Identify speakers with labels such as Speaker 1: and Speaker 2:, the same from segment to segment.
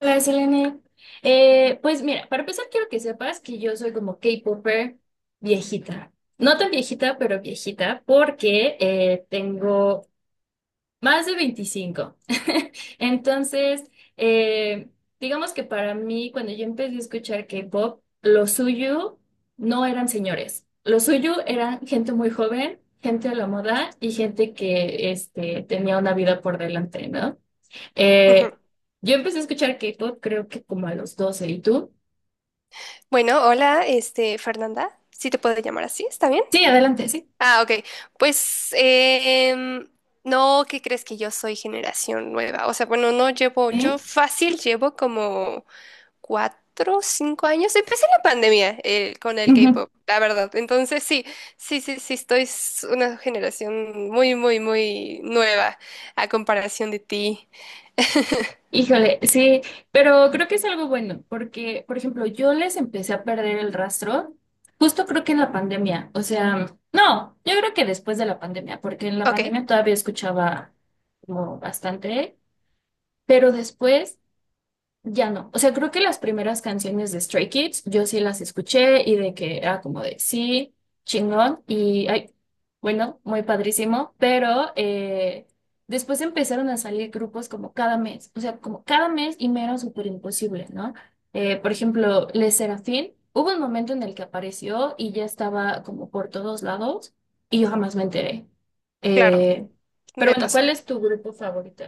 Speaker 1: Hola, Selene. Pues mira, para empezar quiero que sepas que yo soy como K-popper viejita. No tan viejita, pero viejita, porque tengo más de 25. Entonces, eh, digamos que para mí, cuando yo empecé a escuchar K-pop, lo suyo no eran señores. Lo suyo eran gente muy joven, gente a la moda y gente que este, tenía una vida por delante, ¿no?
Speaker 2: Ujú.
Speaker 1: Eh, yo empecé a escuchar K-pop creo que como a los 12. ¿Y tú?
Speaker 2: Bueno, hola, este, Fernanda, si te puedo llamar así, ¿está bien?
Speaker 1: Sí, adelante, sí.
Speaker 2: Ah, ok. Pues, no, ¿qué crees que yo soy generación nueva? O sea, bueno, no llevo,
Speaker 1: ¿Eh?
Speaker 2: yo fácil llevo como 4, 5 años. Empecé la pandemia con el
Speaker 1: Ujú.
Speaker 2: K-pop, la verdad. Entonces, sí, sí, sí, sí, estoy una generación muy, muy, muy nueva a comparación de ti.
Speaker 1: Híjole, sí, pero creo que es algo bueno, porque, por ejemplo, yo les empecé a perder el rastro justo creo que en la pandemia, o sea, no, yo creo que después de la pandemia, porque en la
Speaker 2: Ok,
Speaker 1: pandemia todavía escuchaba como bastante, pero después ya no. O sea, creo que las primeras canciones de Stray Kids yo sí las escuché y de que era como de sí, chingón y ay, bueno, muy padrísimo, pero después empezaron a salir grupos como cada mes, o sea, como cada mes y me era súper imposible, ¿no? Por ejemplo, Les Serafín, hubo un momento en el que apareció y ya estaba como por todos lados y yo jamás me enteré.
Speaker 2: claro,
Speaker 1: Eh, pero
Speaker 2: me
Speaker 1: bueno, ¿cuál
Speaker 2: pasó.
Speaker 1: es tu grupo favorito?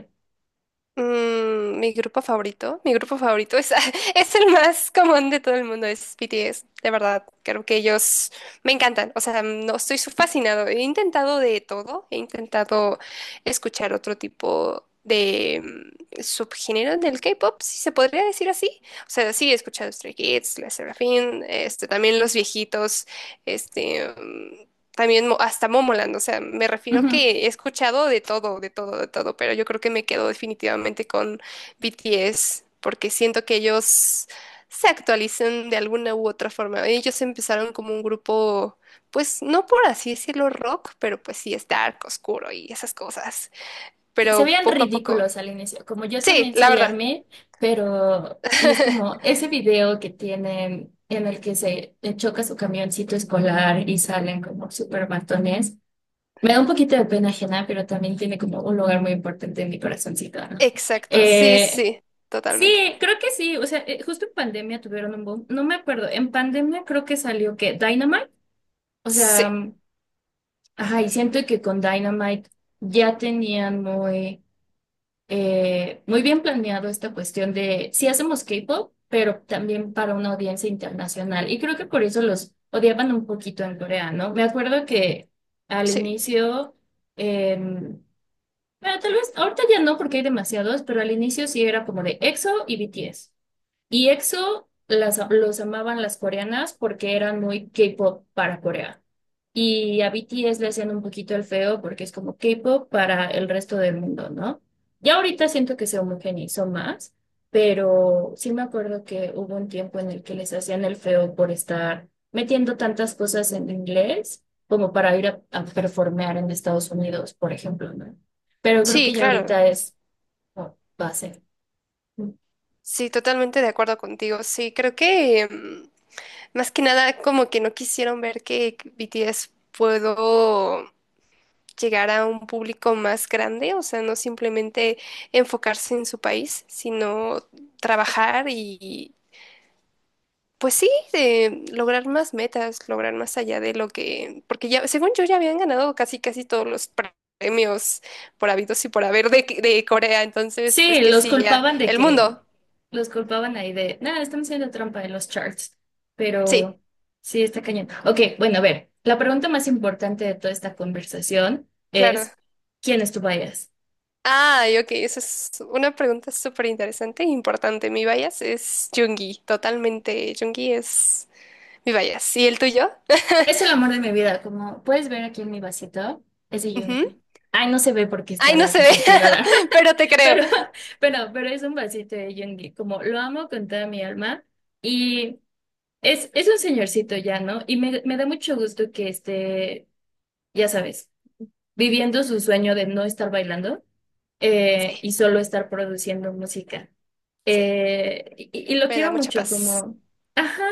Speaker 2: Mm, mi grupo favorito es, es el más común de todo el mundo, es BTS, de verdad, creo que ellos me encantan, o sea, no estoy fascinado, he intentado de todo, he intentado escuchar otro tipo de subgénero del K-pop, si se podría decir así, o sea, sí he escuchado Stray Kids, La Serafín, este, también los viejitos, este, mm, también hasta Momoland, o sea, me refiero
Speaker 1: Ujú.
Speaker 2: que he escuchado de todo, de todo, de todo, pero yo creo que me quedo definitivamente con BTS porque siento que ellos se actualizan de alguna u otra forma. Ellos empezaron como un grupo, pues no por así decirlo rock, pero pues sí es dark, oscuro y esas cosas.
Speaker 1: Sí, se
Speaker 2: Pero
Speaker 1: veían
Speaker 2: poco a poco.
Speaker 1: ridículos al inicio, como yo
Speaker 2: Sí,
Speaker 1: también
Speaker 2: la
Speaker 1: soy
Speaker 2: verdad.
Speaker 1: ARMY, pero y es como ese video que tienen en el que se choca su camioncito escolar y salen como súper matones, me da un poquito de pena ajena, pero también tiene como un lugar muy importante en mi corazoncito, ¿no?
Speaker 2: Exacto, sí,
Speaker 1: Eh,
Speaker 2: sí,
Speaker 1: sí,
Speaker 2: totalmente.
Speaker 1: creo que sí, o sea, justo en pandemia tuvieron un boom, no me acuerdo, en pandemia creo que salió que Dynamite, o sea,
Speaker 2: Sí,
Speaker 1: mm, ajá, y siento que con Dynamite ya tenían muy muy bien planeado esta cuestión de si hacemos K-pop, pero también para una audiencia internacional. Y creo que por eso los odiaban un poquito en Corea, ¿no? Me acuerdo que al
Speaker 2: sí,
Speaker 1: inicio, eh, bueno, tal vez ahorita ya no porque hay demasiados, pero al inicio sí era como de EXO y BTS. Y EXO las, los amaban las coreanas porque eran muy K-pop para Corea. Y a BTS le hacían un poquito el feo porque es como K-pop para el resto del mundo, ¿no? Ya ahorita siento que se homogeneizó más, pero sí me acuerdo que hubo un tiempo en el que les hacían el feo por estar metiendo tantas cosas en inglés como para ir a performear en Estados Unidos, por ejemplo, ¿no? Pero creo
Speaker 2: sí,
Speaker 1: que ya
Speaker 2: claro.
Speaker 1: ahorita es como base.
Speaker 2: Sí, totalmente de acuerdo contigo. Sí, creo que... más que nada, como que no quisieron ver que BTS puedo llegar a un público más grande, o sea, no simplemente enfocarse en su país, sino trabajar y, pues sí, de lograr más metas, lograr más allá de lo que, porque ya, según yo, ya habían ganado casi, casi todos los premios por habidos y por haber de Corea, entonces, pues
Speaker 1: Sí,
Speaker 2: que sí, ya, el mundo,
Speaker 1: los culpaban ahí de, nada, están haciendo trampa en los charts,
Speaker 2: sí,
Speaker 1: pero sí está cañón. Ok, bueno, a ver, la pregunta más importante de toda esta conversación
Speaker 2: claro.
Speaker 1: es, ¿quién es tu bias?
Speaker 2: Ay, ok, esa es una pregunta súper interesante e importante. Mi bias es Jungi, totalmente. Jungi es mi bias. ¿Y el tuyo?
Speaker 1: Es el amor de mi vida, como puedes ver aquí en mi vasito, es de
Speaker 2: Ujú.
Speaker 1: Yoongi. Ay, no se ve porque
Speaker 2: Ay,
Speaker 1: está
Speaker 2: no
Speaker 1: la
Speaker 2: se ve,
Speaker 1: cosa activada,
Speaker 2: pero te creo.
Speaker 1: pero, pero es un vasito de Yoongi, como lo amo con toda mi alma y es un señorcito ya, ¿no? Y me da mucho gusto que esté, ya sabes, viviendo su sueño de no estar bailando
Speaker 2: Sí,
Speaker 1: y solo estar produciendo música.
Speaker 2: sí,
Speaker 1: Y lo
Speaker 2: me da
Speaker 1: quiero
Speaker 2: mucha
Speaker 1: mucho,
Speaker 2: paz.
Speaker 1: como, ajá,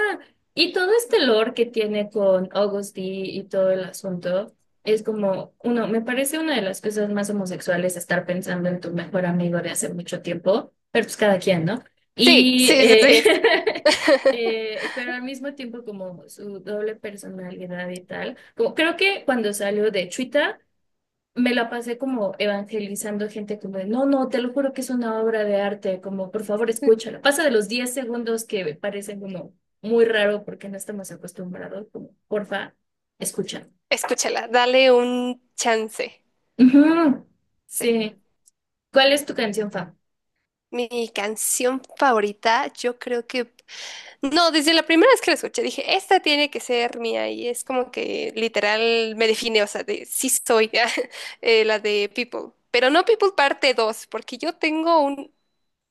Speaker 1: y todo este lore que tiene con August D y todo el asunto, es como, uno, me parece una de las cosas más homosexuales estar pensando en tu mejor amigo de hace mucho tiempo, pero pues cada quien, ¿no?
Speaker 2: Sí,
Speaker 1: Y,
Speaker 2: sí, sí, sí.
Speaker 1: pero al mismo tiempo como su doble personalidad y tal, como, creo que cuando salió de Chuita, me la pasé como evangelizando gente como, de, no, no, te lo juro que es una obra de arte, como, por favor, escúchala. Pasa de los 10 segundos que parecen como muy raro porque no estamos acostumbrados, como, porfa, escucha.
Speaker 2: Escúchala, dale un chance.
Speaker 1: Ujú.
Speaker 2: Sí.
Speaker 1: Sí. ¿Cuál es tu canción, fa?
Speaker 2: Mi canción favorita, yo creo que no, desde la primera vez que la escuché dije, esta tiene que ser mía y es como que literal me define, o sea, de sí soy la de People, pero no People parte 2 porque yo tengo un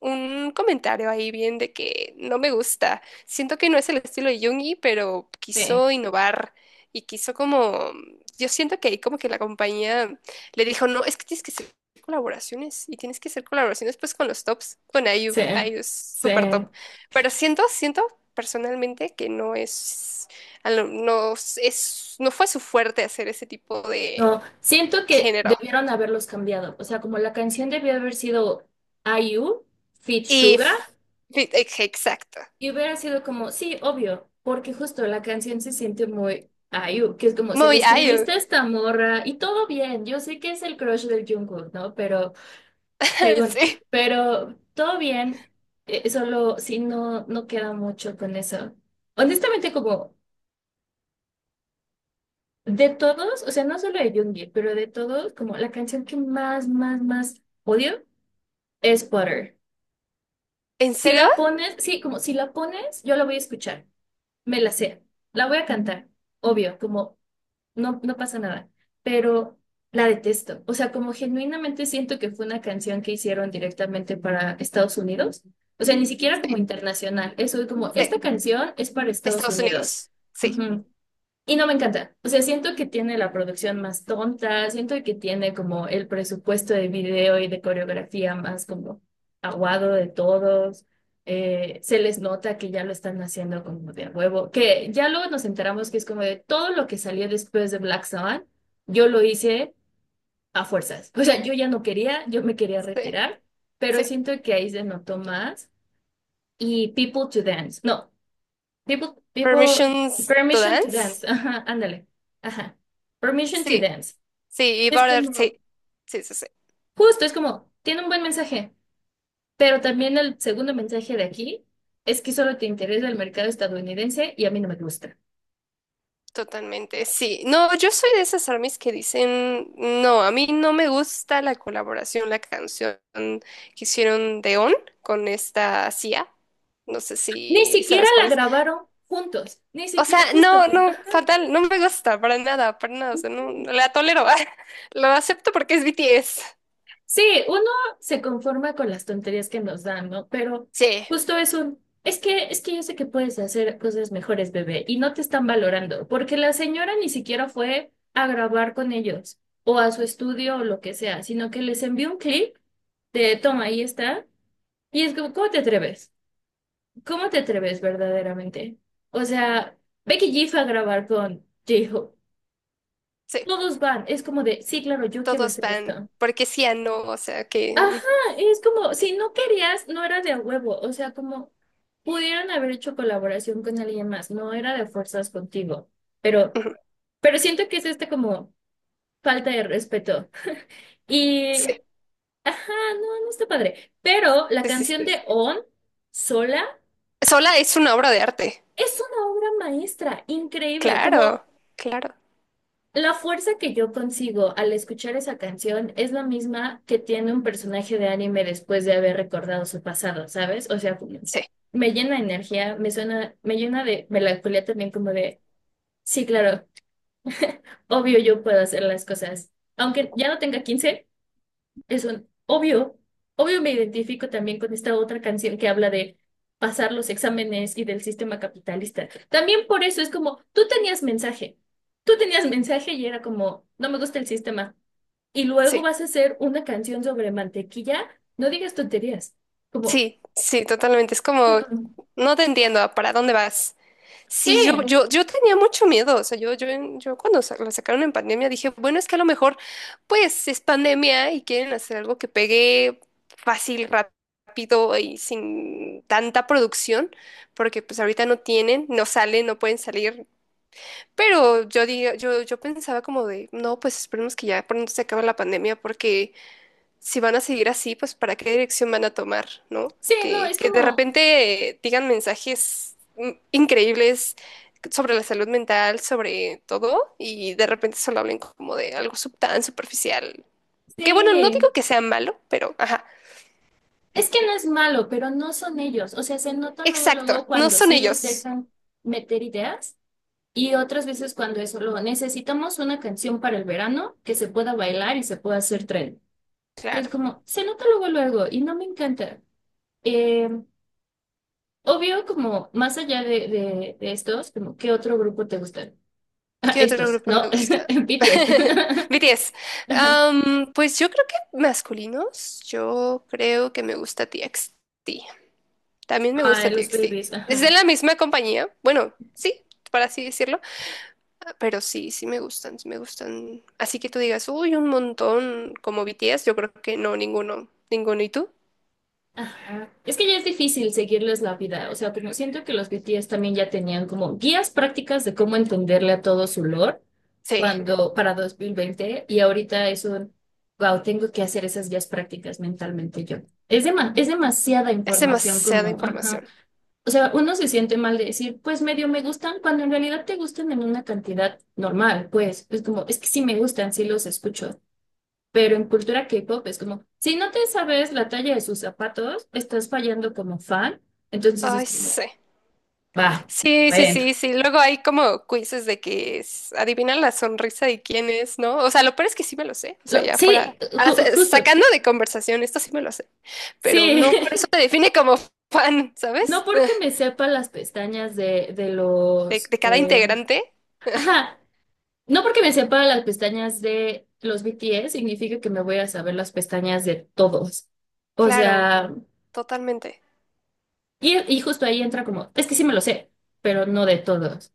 Speaker 2: comentario ahí bien de que no me gusta. Siento que no es el estilo de Jungi, pero
Speaker 1: Sí,
Speaker 2: quiso innovar y quiso como, yo siento que ahí como que la compañía le dijo, no, es que tienes que hacer colaboraciones y tienes que hacer colaboraciones pues con los tops, con IU,
Speaker 1: sí,
Speaker 2: IU es
Speaker 1: sí.
Speaker 2: súper top. Pero siento, siento personalmente que no es, no es, no fue su fuerte hacer ese tipo de
Speaker 1: No, siento que
Speaker 2: género.
Speaker 1: debieron haberlos cambiado. O sea, como la canción debió haber sido I IU, Fit
Speaker 2: Y
Speaker 1: Sugar.
Speaker 2: exacto.
Speaker 1: Y hubiera sido como, sí, obvio, porque justo la canción se siente muy ayu que es como, se le
Speaker 2: Muy IU.
Speaker 1: escribiste a esta morra y todo bien, yo sé que es el crush del Jungkook, ¿no? Pero, según,
Speaker 2: Sí.
Speaker 1: pero todo bien, solo sí no, no queda mucho con eso. Honestamente, como de todos, o sea, no solo de Jungkook, pero de todos, como la canción que más, más, más odio es Butter.
Speaker 2: ¿En
Speaker 1: Si
Speaker 2: serio?
Speaker 1: la pones, sí, como si la pones, yo la voy a escuchar. Me la sé. La voy a cantar, obvio, como no, no pasa nada, pero la detesto. O sea, como genuinamente siento que fue una canción que hicieron directamente para Estados Unidos. O sea, ni siquiera como
Speaker 2: Sí,
Speaker 1: internacional. Eso es como,
Speaker 2: sí. De
Speaker 1: esta canción es para Estados
Speaker 2: Estados
Speaker 1: Unidos.
Speaker 2: Unidos. Sí,
Speaker 1: Ujú. Y no me encanta. O sea, siento que tiene la producción más tonta, siento que tiene como el presupuesto de video y de coreografía más como aguado de todos. Se les nota que ya lo están haciendo como de a huevo, que ya luego nos enteramos que es como de todo lo que salió después de Black Swan, yo lo hice a fuerzas. O sea, yo ya no quería, yo me quería
Speaker 2: sí,
Speaker 1: retirar, pero
Speaker 2: sí.
Speaker 1: siento que ahí se notó más. Y People to Dance. No. People, people,
Speaker 2: Permissions to
Speaker 1: Permission to
Speaker 2: Dance.
Speaker 1: dance. Ajá, ándale. Ajá. Permission to
Speaker 2: Sí,
Speaker 1: dance.
Speaker 2: sí. Y
Speaker 1: Es
Speaker 2: Border,
Speaker 1: como,
Speaker 2: sí. Sí, sí, sí.
Speaker 1: justo, es como, tiene un buen mensaje, pero también el segundo mensaje de aquí es que solo te interesa el mercado estadounidense y a mí no me gusta.
Speaker 2: Totalmente, sí. No, yo soy de esas armies que dicen, no, a mí no me gusta la colaboración, la canción que hicieron de On con esta CIA. No sé
Speaker 1: Ni
Speaker 2: si
Speaker 1: siquiera
Speaker 2: sabes cuál
Speaker 1: la
Speaker 2: es.
Speaker 1: grabaron juntos, ni
Speaker 2: O sea,
Speaker 1: siquiera, justo.
Speaker 2: no, no, fatal, no me gusta para nada, para nada. O sea, no, la tolero. Lo acepto porque es BTS.
Speaker 1: Sí, uno se conforma con las tonterías que nos dan, ¿no? Pero
Speaker 2: Sí,
Speaker 1: justo es que yo sé que puedes hacer cosas mejores, bebé, y no te están valorando, porque la señora ni siquiera fue a grabar con ellos o a su estudio o lo que sea, sino que les envió un clip de toma, ahí está, y es como, ¿cómo te atreves? ¿Cómo te atreves verdaderamente? O sea, Becky G fue a grabar con J-Hope.
Speaker 2: sí.
Speaker 1: Todos van, es como de, sí, claro, yo quiero
Speaker 2: Todos
Speaker 1: hacer
Speaker 2: van,
Speaker 1: esto.
Speaker 2: porque sí a no, o sea que
Speaker 1: Ajá, es como, si no querías, no era de a huevo, o sea, como pudieron haber hecho colaboración con alguien más, no era de fuerzas contigo, pero,
Speaker 2: ujú,
Speaker 1: pero siento que es este como falta de respeto. Y,
Speaker 2: sí,
Speaker 1: ajá, no, no está padre, pero la
Speaker 2: sí, sí, sí,
Speaker 1: canción de
Speaker 2: sí.
Speaker 1: On, sola,
Speaker 2: Sola es una obra de arte,
Speaker 1: es una obra maestra, increíble, como.
Speaker 2: claro, claro,
Speaker 1: La fuerza que yo consigo al escuchar esa canción es la misma que tiene un personaje de anime después de haber recordado su pasado, ¿sabes? O sea,
Speaker 2: sí,
Speaker 1: me llena de energía, me suena, me llena de melancolía también como de, sí, claro, obvio yo puedo hacer las cosas. Aunque ya no tenga 15 es un obvio, obvio me identifico también con esta otra canción que habla de pasar los exámenes y del sistema capitalista. También por eso es como, tú tenías mensaje y era como, no me gusta el sistema. Y luego
Speaker 2: sí,
Speaker 1: vas a hacer una canción sobre mantequilla, no digas tonterías, como,
Speaker 2: sí, sí, totalmente. Es
Speaker 1: "Mm,
Speaker 2: como,
Speaker 1: mm".
Speaker 2: no te entiendo, ¿para dónde vas?
Speaker 1: Sí,
Speaker 2: Sí, yo tenía mucho miedo, o sea, yo cuando lo sacaron en pandemia dije, bueno, es que a lo mejor, pues, es pandemia y quieren hacer algo que pegue fácil, rápido y sin tanta producción porque pues ahorita no tienen, no salen, no pueden salir. Pero yo diga, yo pensaba como de, no, pues esperemos que ya pronto se acabe la pandemia, porque si van a seguir así, pues para qué dirección van a tomar, ¿no?
Speaker 1: sí, no, es
Speaker 2: Que de
Speaker 1: como,
Speaker 2: repente digan mensajes increíbles sobre la salud mental, sobre todo, y de repente solo hablen como de algo tan superficial. Que bueno, no
Speaker 1: sí,
Speaker 2: digo que sea malo, pero ajá.
Speaker 1: es que no es malo, pero no son ellos, o sea, se nota luego,
Speaker 2: Exacto,
Speaker 1: luego
Speaker 2: no
Speaker 1: cuando
Speaker 2: son
Speaker 1: sí les
Speaker 2: ellos.
Speaker 1: dejan meter ideas. Y otras veces cuando es solo necesitamos una canción para el verano que se pueda bailar y se pueda hacer tren. Que es
Speaker 2: Claro.
Speaker 1: como, se nota luego luego y no me encanta. Eh, obvio, como más allá de estos, como ¿qué otro grupo te gustan?
Speaker 2: ¿Qué otro
Speaker 1: Estos,
Speaker 2: grupo me
Speaker 1: ¿no?
Speaker 2: gusta?
Speaker 1: BTS.
Speaker 2: BTS.
Speaker 1: Ajá.
Speaker 2: Pues yo creo que masculinos, yo creo que me gusta TXT. También me gusta
Speaker 1: Ay, los
Speaker 2: TXT.
Speaker 1: babies,
Speaker 2: Es de
Speaker 1: ajá.
Speaker 2: la misma compañía. Bueno, sí, para así decirlo. Ah, pero sí, sí me gustan, sí me gustan. Así que tú digas, uy, un montón como BTS, yo creo que no, ninguno. Ninguno. ¿Y tú?
Speaker 1: Ajá. Es que ya es difícil seguirles la vida, o sea, como siento que los BTS también ya tenían como guías prácticas de cómo entenderle a todo su lore
Speaker 2: Sí,
Speaker 1: cuando para 2020 y ahorita wow, tengo que hacer esas guías prácticas mentalmente yo. Es demasiada
Speaker 2: es
Speaker 1: información
Speaker 2: demasiada
Speaker 1: como, ajá.
Speaker 2: información.
Speaker 1: O sea, uno se siente mal de decir, pues medio me gustan, cuando en realidad te gustan en una cantidad normal, pues, es como, es que sí me gustan, sí los escucho. Pero en cultura K-pop es como, si no te sabes la talla de sus zapatos, estás fallando como fan. Entonces
Speaker 2: Ay,
Speaker 1: es como,
Speaker 2: sí.
Speaker 1: va,
Speaker 2: Sí, sí,
Speaker 1: bueno.
Speaker 2: sí, sí. Luego hay como quizzes de que es, adivinan la sonrisa de quién es, ¿no? O sea, lo peor es que sí me lo sé. O sea, ya fuera,
Speaker 1: Sí,
Speaker 2: ah,
Speaker 1: justo,
Speaker 2: sacando de conversación, esto sí me lo sé. Pero
Speaker 1: sí.
Speaker 2: no por eso te define como fan,
Speaker 1: No
Speaker 2: ¿sabes?
Speaker 1: porque me sepa las pestañas de
Speaker 2: De,
Speaker 1: los,
Speaker 2: de cada integrante.
Speaker 1: ajá, no porque me sepa las pestañas de los BTS significa que me voy a saber las pestañas de todos. O
Speaker 2: Claro,
Speaker 1: sea,
Speaker 2: totalmente.
Speaker 1: y justo ahí entra como, es que sí me lo sé, pero no de todos.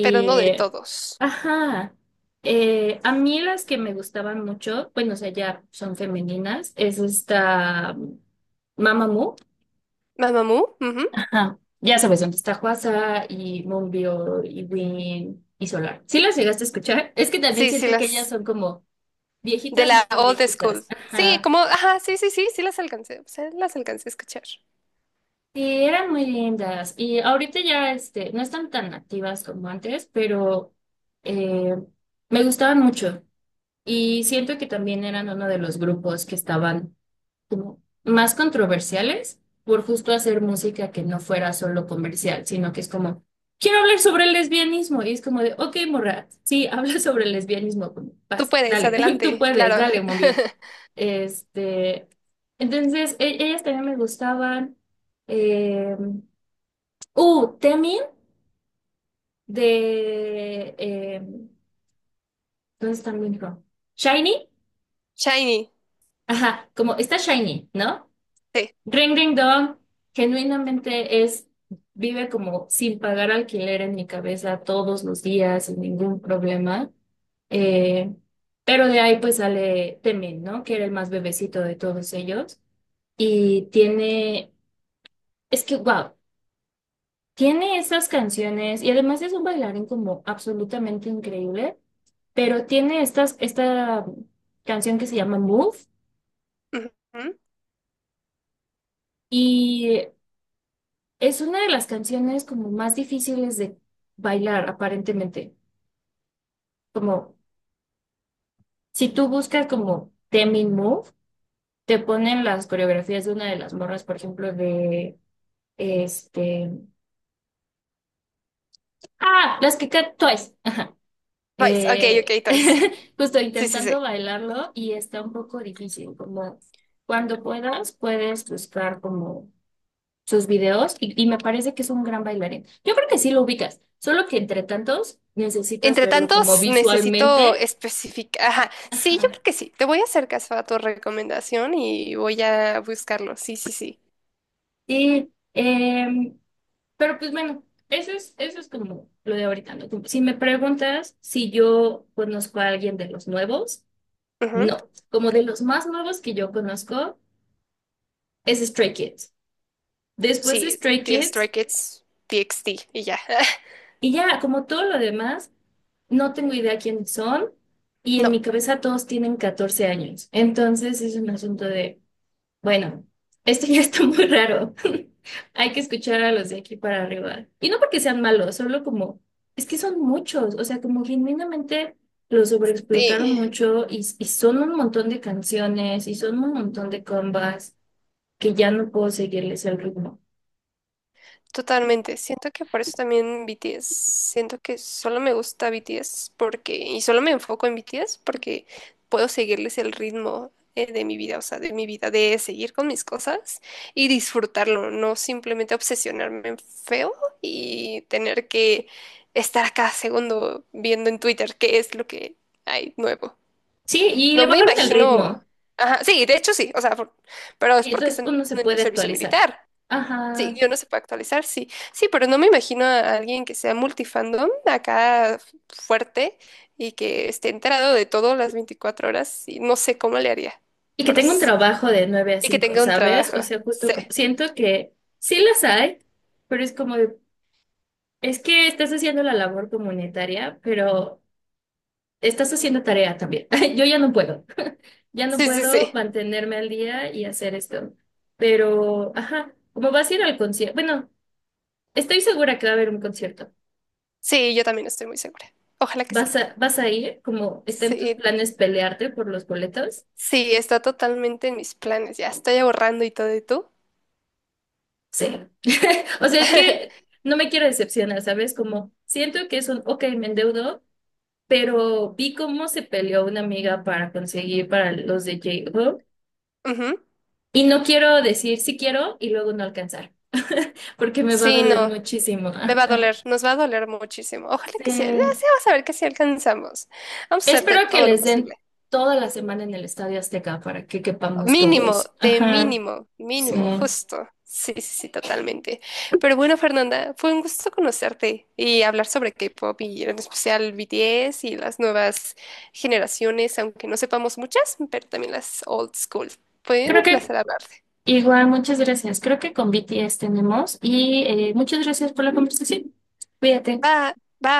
Speaker 2: Pero no de todos.
Speaker 1: ajá, a mí las que me gustaban mucho, bueno, o sea, ya son femeninas, es esta Mamamoo,
Speaker 2: Mamamoo, ujú.
Speaker 1: ajá, ya sabes dónde está Huasa y Moonbyo y Win y Solar. ¿Sí las llegaste a escuchar? Es que también
Speaker 2: Sí, sí,
Speaker 1: siento que ellas
Speaker 2: las
Speaker 1: son como
Speaker 2: de
Speaker 1: viejitas
Speaker 2: la
Speaker 1: matan
Speaker 2: old school.
Speaker 1: viejitas.
Speaker 2: Sí,
Speaker 1: Ajá.
Speaker 2: como, ajá, sí, sí, sí, sí las alcancé. O sea, las alcancé a escuchar.
Speaker 1: Sí, eran muy lindas y ahorita ya no están tan activas como antes, pero eh, me gustaban mucho y siento que también eran uno de los grupos que estaban como más controversiales por justo hacer música que no fuera solo comercial, sino que es como, quiero hablar sobre el lesbianismo. Y es como de, ok, morra, sí, habla sobre el lesbianismo, como,
Speaker 2: Tú
Speaker 1: vas,
Speaker 2: puedes,
Speaker 1: dale, tú
Speaker 2: adelante,
Speaker 1: puedes,
Speaker 2: claro.
Speaker 1: dale, Mombiol. Este, entonces, ellas también me gustaban. Eh, Temin de, eh, ¿dónde está mi hijo? Shiny.
Speaker 2: Shiny.
Speaker 1: Ajá, como está Shiny, ¿no?
Speaker 2: Sí.
Speaker 1: Ring Ring Dong genuinamente es, vive como sin pagar alquiler en mi cabeza todos los días, sin ningún problema. Eh, pero de ahí pues sale Temin, ¿no? Que era el más bebecito de todos ellos. Y tiene, es que, wow, tiene esas canciones y además es un bailarín como absolutamente increíble, pero tiene esta canción que se llama Move.
Speaker 2: Ujú.
Speaker 1: Y es una de las canciones como más difíciles de bailar, aparentemente. Como si tú buscas como Temin Move, te ponen las coreografías de una de las morras, por ejemplo, de este. Ah, Twice. Ajá.
Speaker 2: Twice, ok,
Speaker 1: Eh,
Speaker 2: ok, Twice.
Speaker 1: Justo
Speaker 2: Sí, sí, sí.
Speaker 1: intentando bailarlo y está un poco difícil. Como cuando puedas, puedes buscar como sus videos y me parece que es un gran bailarín. Yo creo que sí lo ubicas, solo que entre tantos necesitas
Speaker 2: Entre
Speaker 1: verlo como
Speaker 2: tantos, necesito
Speaker 1: visualmente.
Speaker 2: especificar. Ajá, sí, yo
Speaker 1: Ajá.
Speaker 2: creo que sí. Te voy a hacer caso a tu recomendación y voy a buscarlo. Sí, sí, sí.
Speaker 1: Sí, pero pues bueno, eso es como lo de ahorita, ¿no? Como si me preguntas si yo conozco a alguien de los nuevos,
Speaker 2: Ujú.
Speaker 1: no. Como de los más nuevos que yo conozco es Stray Kids. Después
Speaker 2: Sí,
Speaker 1: Stray
Speaker 2: The Stray
Speaker 1: Kids
Speaker 2: Kids, TXT y ya.
Speaker 1: y ya, como todo lo demás. No tengo idea quiénes son y en
Speaker 2: No,
Speaker 1: mi cabeza todos tienen 14 años. Entonces es un asunto de, bueno, esto ya está muy raro. Hay que escuchar a los de aquí para arriba. Y no porque sean malos, solo como, es que son muchos, o sea, como genuinamente los
Speaker 2: sí.
Speaker 1: sobreexplotaron mucho y son un montón de canciones y son un montón de combas que ya no puedo seguirles el ritmo.
Speaker 2: Totalmente. Siento que por eso también BTS. Siento que solo me gusta BTS porque, y solo me enfoco en BTS porque puedo seguirles el ritmo de mi vida, o sea, de mi vida, de seguir con mis cosas y disfrutarlo, no simplemente obsesionarme en feo y tener que estar a cada segundo viendo en Twitter qué es lo que hay nuevo.
Speaker 1: Sí, y le
Speaker 2: No me
Speaker 1: bajaron el
Speaker 2: imagino.
Speaker 1: ritmo.
Speaker 2: Ajá, sí, de hecho sí, o sea, pero es
Speaker 1: Y
Speaker 2: porque
Speaker 1: entonces
Speaker 2: están
Speaker 1: uno se
Speaker 2: en el
Speaker 1: puede
Speaker 2: servicio
Speaker 1: actualizar.
Speaker 2: militar. Sí,
Speaker 1: Ajá.
Speaker 2: yo no se puede actualizar, sí. Sí, pero no me imagino a alguien que sea multifandom acá fuerte y que esté enterado de todo las 24 horas y no sé cómo le haría.
Speaker 1: Y que
Speaker 2: Pero
Speaker 1: tenga un trabajo de nueve a
Speaker 2: y que
Speaker 1: cinco
Speaker 2: tenga un
Speaker 1: ¿sabes?
Speaker 2: trabajo.
Speaker 1: O sea,
Speaker 2: Sí,
Speaker 1: siento que sí las hay, pero es como de, es que estás haciendo la labor comunitaria, pero estás haciendo tarea también. Yo ya no
Speaker 2: sí, sí,
Speaker 1: puedo
Speaker 2: sí.
Speaker 1: mantenerme al día y hacer esto. Pero, ajá, como vas a ir al concierto, bueno, estoy segura que va a haber un concierto.
Speaker 2: Sí, yo también estoy muy segura. Ojalá que sí.
Speaker 1: ¿Vas a ir? ¿Como está en tus
Speaker 2: Sí,
Speaker 1: planes pelearte por los boletos?
Speaker 2: sí, está totalmente en mis planes. Ya estoy ahorrando y todo, ¿y tú?
Speaker 1: Sí. O sea, es que no me quiero decepcionar, ¿sabes? Como siento que es un, ok, me endeudo, pero vi cómo se peleó una amiga para conseguir para los de J-Hope
Speaker 2: Ujú.
Speaker 1: y no quiero decir sí quiero y luego no alcanzar, porque me va a
Speaker 2: Sí,
Speaker 1: doler
Speaker 2: no,
Speaker 1: muchísimo.
Speaker 2: me va a
Speaker 1: Ajá.
Speaker 2: doler, nos va a doler muchísimo. Ojalá que
Speaker 1: Sí.
Speaker 2: sí, ya sí, vamos a ver que sí alcanzamos. Vamos a hacerte
Speaker 1: Espero que
Speaker 2: todo lo
Speaker 1: les
Speaker 2: posible.
Speaker 1: den toda la semana en el Estadio Azteca para que quepamos
Speaker 2: Mínimo,
Speaker 1: todos.
Speaker 2: de
Speaker 1: Ajá.
Speaker 2: mínimo,
Speaker 1: Sí.
Speaker 2: mínimo, justo. Sí, sí, sí, totalmente. Pero bueno, Fernanda, fue un gusto conocerte y hablar sobre K-pop y en especial BTS y las nuevas generaciones, aunque no sepamos muchas, pero también las old school. Fue
Speaker 1: Creo
Speaker 2: un
Speaker 1: que
Speaker 2: placer hablarte.
Speaker 1: Igual, muchas gracias. Creo que con BTS tenemos y muchas gracias por la conversación. Cuídate.
Speaker 2: Bye, bye.